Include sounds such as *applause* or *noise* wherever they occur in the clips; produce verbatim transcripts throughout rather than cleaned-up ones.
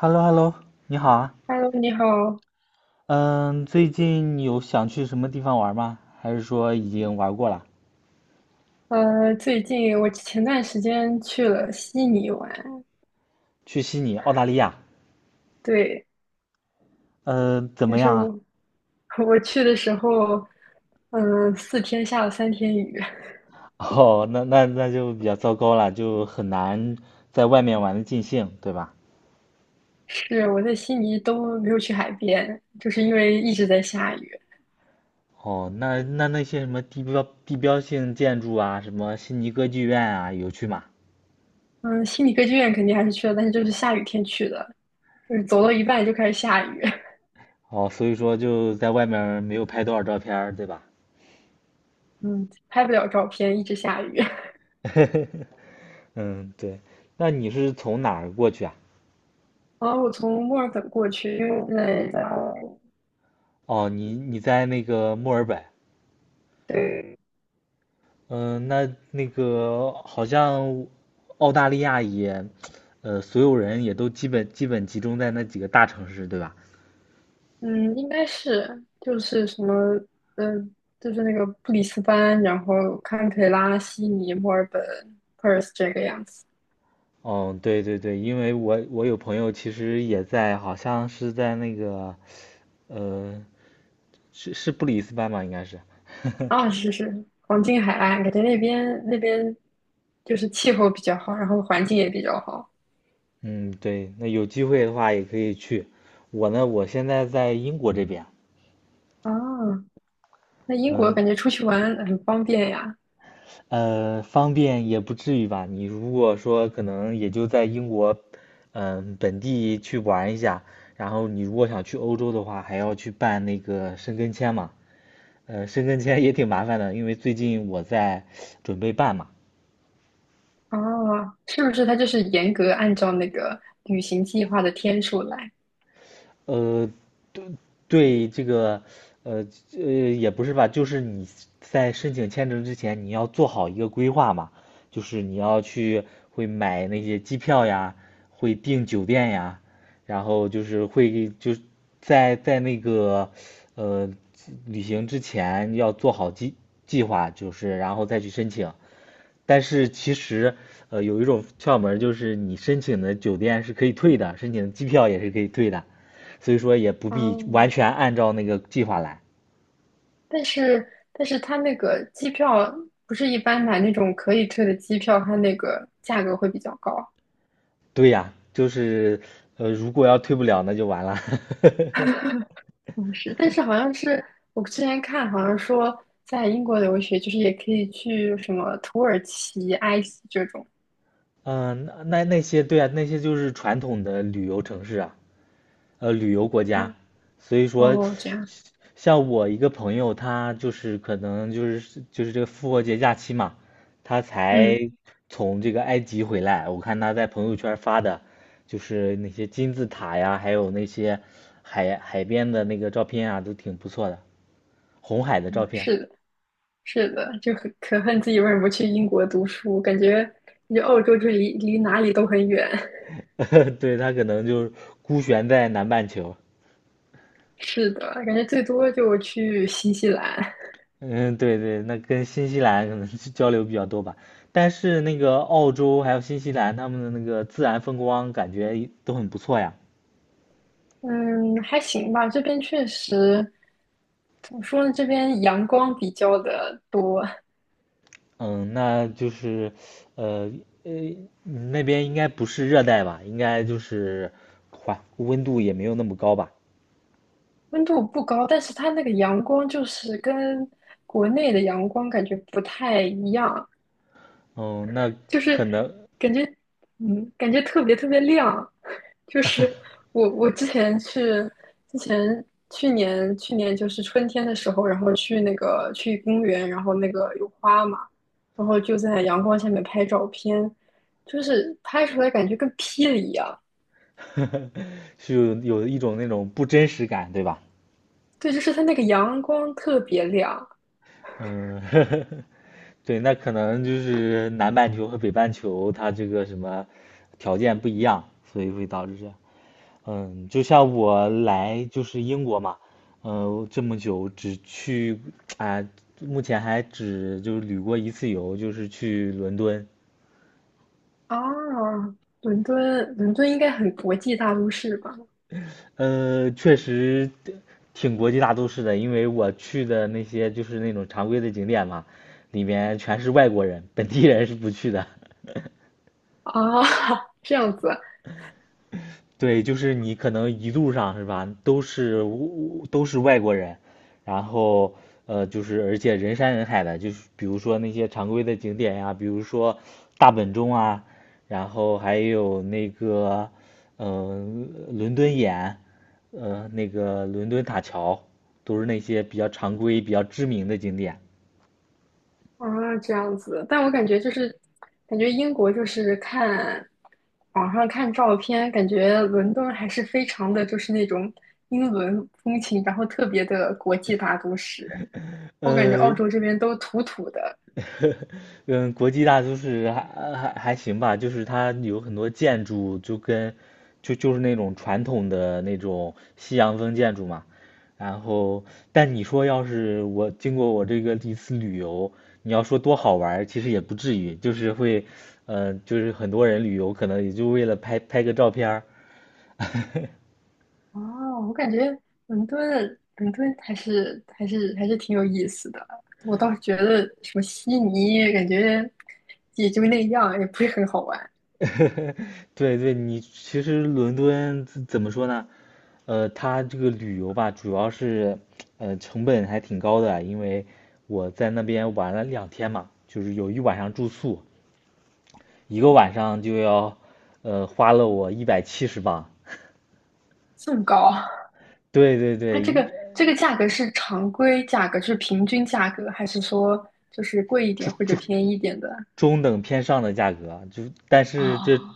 h e l l o h e l l o 你好啊。Hello，你好。嗯，最近有想去什么地方玩吗？还是说已经玩过了？呃，最近我前段时间去了悉尼玩，去悉尼，澳大利亚。对，呃，怎但么是样啊？我 *laughs* 我去的时候，嗯、四天下了三天雨。*laughs* 哦，那那那就比较糟糕了，就很难在外面玩的尽兴，对吧？*laughs* 是，我在悉尼都没有去海边，就是因为一直在下雨。哦，那那那些什么地标地标性建筑啊，什么悉尼歌剧院啊，有去吗？嗯，悉尼歌剧院肯定还是去了，但是就是下雨天去的，就是走到一半就开始下雨。哦，所以说就在外面儿没有拍多少照片儿对吧？*laughs* 嗯，拍不了照片，一直下雨。*laughs* *laughs* 嗯，对。那你是从哪儿过去啊？然后我从墨尔本过去，因为我在。哦，你你在那个墨尔本。对。嗯，那那个好像澳大利亚也，呃，所有人也都基本基本集中在那几个大城市，对吧？嗯，应该是就是什么，呃，就是那个布里斯班，然后堪培拉、悉尼、墨尔本、Perth 这个样子。嗯，对对对，因为我我有朋友其实也在，好像是在那个，呃，是是布里斯班吧，应该是。*laughs* 啊、是是，黄金海岸，感觉那边那边就是气候比较好，然后环境也比较好。嗯，对，那有机会的话也可以去。我呢，我现在在英国这边，啊，那英国嗯，感觉出去玩很方便呀。呃，方便也不至于吧？你如果说可能也就在英国，嗯、本地去玩一下，然后你如果想去欧洲的话，还要去办那个申根签嘛。呃，申根签也挺麻烦的，因为最近我在准备办嘛。啊，是不是它就是严格按照那个旅行计划的天数来？呃，对这个，呃呃，也不是吧，就是你在申请签证之前，你要做好一个规划嘛，就是你要去会买那些机票呀，会订酒店呀，然后就是会就是在在那个呃旅行之前要做好计计划，就是然后再去申请，但是其实，呃，有一种窍门儿就是你申请的酒店是可以退的，申请的机票也是可以退的，所以说也不啊？必完全按照那个计划来。但是但是它那个机票不是一般买那种可以退的机票，它那个价格会比较高。对呀，就是，呃，如果要退不了，那就完了。*laughs* 嗯，是，但是好像是我之前看，好像说在英国留学就是也可以去什么土耳其、埃及这种。嗯，那那那些对啊，那些就是传统的旅游城市啊，呃，旅游国家，嗯，所以说，哦，这样，像我一个朋友，他就是可能就是就是这个复活节假期嘛，他才嗯，从这个埃及回来。我看他在朋友圈发的，就是那些金字塔呀，还有那些海海边的那个照片啊，都挺不错的，红海的照片。是的，是的，就很可恨自己为什么不去英国读书，感觉感觉欧洲就离离哪里都很远。*laughs* *laughs* 对，他可能就是孤悬在南半球。是的，感觉最多就去新西兰。嗯，对对，那跟新西兰可能是交流比较多吧。但是那个澳洲还有新西兰，他们的那个自然风光感觉都很不错呀。嗯，还行吧，这边确实，怎么说呢？这边阳光比较的多，嗯，那就是，呃呃，那边应该不是热带吧？应该就是环温度也没有那么高吧？温度不高，但是它那个阳光就是跟国内的阳光感觉不太一样，嗯，那就可是能 感觉，嗯，感觉特别特别亮。*laughs* 就是我我之前去，之前去年去年就是春天的时候，然后去那个去公园，然后那个有花嘛，然后就在阳光下面拍照片，就是拍出来感觉跟霹雳一样。*laughs* 是有有一种那种不真实感，对吧？对，就是它那个阳光特别亮嗯，*laughs* 对，那可能就是南半球和北半球它这个什么条件不一样，所以会导致这样。嗯，就像我来就是英国嘛，呃，这么久只去啊、目前还只就是旅过一次游，就是去伦敦。啊。伦敦，伦敦应该很国际大都市吧？呃，确实挺国际大都市的，因为我去的那些就是那种常规的景点嘛，里面全是外国人，本地人是不去的。啊，*laughs* 这样子。对，就是你可能一路上是吧，都是都是外国人，然后呃，就是而且人山人海的，就是比如说那些常规的景点呀，比如说大本钟啊，然后还有那个嗯、呃伦敦眼，呃，那个伦敦塔桥，都是那些比较常规、比较知名的景点。啊，这样子，但我感觉就是，感觉英国就是看网上看照片，感觉伦敦还是非常的就是那种英伦风情，然后特别的国际大都市。我感觉澳呃，洲这边都土土的。嗯，国际大都市还还还行吧，就是它有很多建筑就跟就就是那种传统的那种西洋风建筑嘛。然后，但你说要是我经过我这个一次旅游，你要说多好玩儿其实也不至于，就是会，嗯，就是很多人旅游可能也就为了拍拍个照片儿。*laughs* 哦，我感觉伦敦伦敦还是还是还是挺有意思的。我倒是觉得什么悉尼，感觉也就那样，也不是很好玩。*laughs* 对对，你其实伦敦怎怎么说呢？呃，它这个旅游吧，主要是呃成本还挺高的啊，因为我在那边玩了两天嘛，就是有一晚上住宿，一个晚上就要呃花了我一百七十镑。这么高。对对它对，这一个这个价格是常规价格，是平均价格，还是说就是贵一点或者便宜一点的？中等偏上的价格啊，就但是这哦，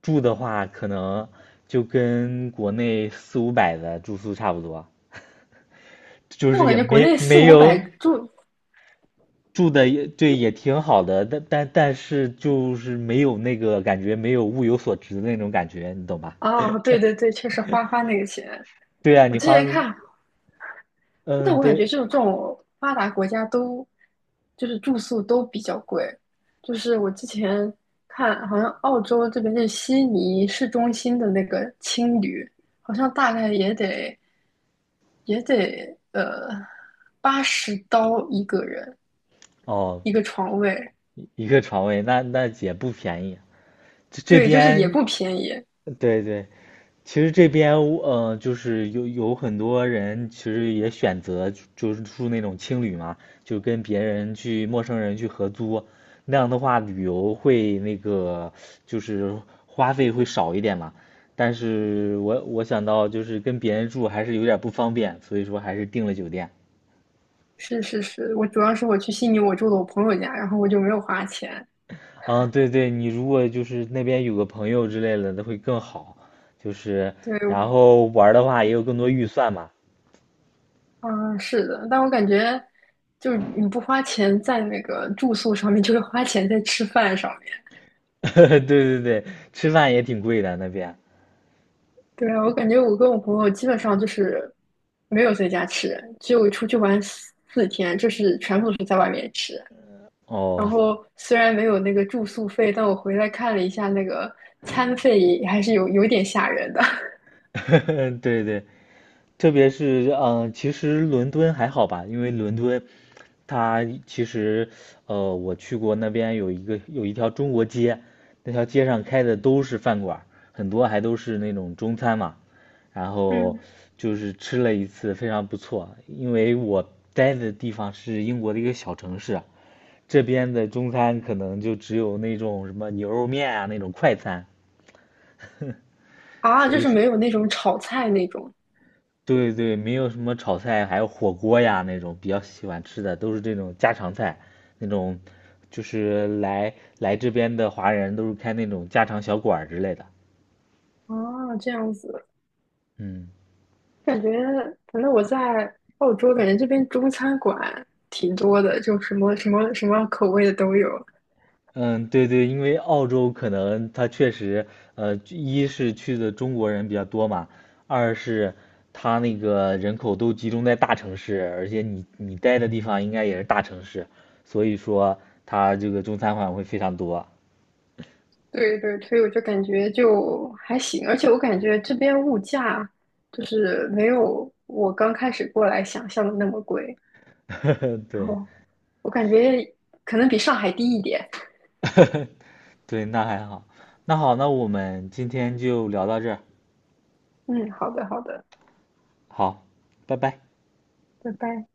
住的话，可能就跟国内四五百的住宿差不多啊，就那我是也感觉国没内四没五百有住，住的也对也挺好的，但但但是就是没有那个感觉，没有物有所值的那种感觉，你懂吧？哦，对对对，确实花花那个钱。对啊，我你之花前看，但嗯，我感觉对，就是这种发达国家都就是住宿都比较贵，就是我之前看好像澳洲这边就是悉尼市中心的那个青旅，好像大概也得也得呃八十刀一个人，哦，一个床位。一个床位，那那也不便宜。这这对，就是也边，不便宜。对对，其实这边呃，就是有有很多人其实也选择就就是住那种青旅嘛，就跟别人去陌生人去合租，那样的话旅游会那个就是花费会少一点嘛。但是我我想到就是跟别人住还是有点不方便，所以说还是订了酒店。是是是，我主要是我去悉尼，我住的我朋友家，然后我就没有花钱。嗯，对对，你如果就是那边有个朋友之类的，那会更好。就是对，然后玩儿的话也有更多预算嘛，嗯，是的，但我感觉就是你不花钱在那个住宿上面，*laughs* 就是花钱在吃饭上面。*laughs* 对对对，吃饭也挺贵的那边。对，啊，我感觉我跟我朋友基本上就是没有在家吃，只有出去玩四四天，就是全部都是在外面吃。哦，然后虽然没有那个住宿费，但我回来看了一下那个餐费，还是有有点吓人的。*laughs* 对对，特别是嗯、呃其实伦敦还好吧，因为伦敦它其实呃，我去过那边有一个有一条中国街，那条街上开的都是饭馆儿很多还都是那种中餐嘛。然 *laughs* 后嗯。就是吃了一次，非常不错。因为我待的地方是英国的一个小城市，这边的中餐可能就只有那种什么牛肉面啊那种快餐，啊，所就以是说，没有那种炒菜那种对对，没有什么炒菜，还有火锅呀那种比较喜欢吃的，都是这种家常菜，那种就是来来这边的华人都是开那种家常小馆儿之类的。啊，这样子，嗯感觉反正我在澳洲，感觉这边中餐馆挺多的，就什么什么什么口味的都有。嗯，对对，因为澳洲可能它确实，呃，一是去的中国人比较多嘛，二是它那个人口都集中在大城市，而且你你待的地方应该也是大城市，所以说它这个中餐馆会非常多。对对，所以我就感觉就还行，而且我感觉这边物价就是没有我刚开始过来想象的那么贵，*laughs* 然对。后我感觉可能比上海低一点。*laughs* 对，那还好。那好，那我们今天就聊到这儿。嗯，好的好的，好，拜拜。拜拜。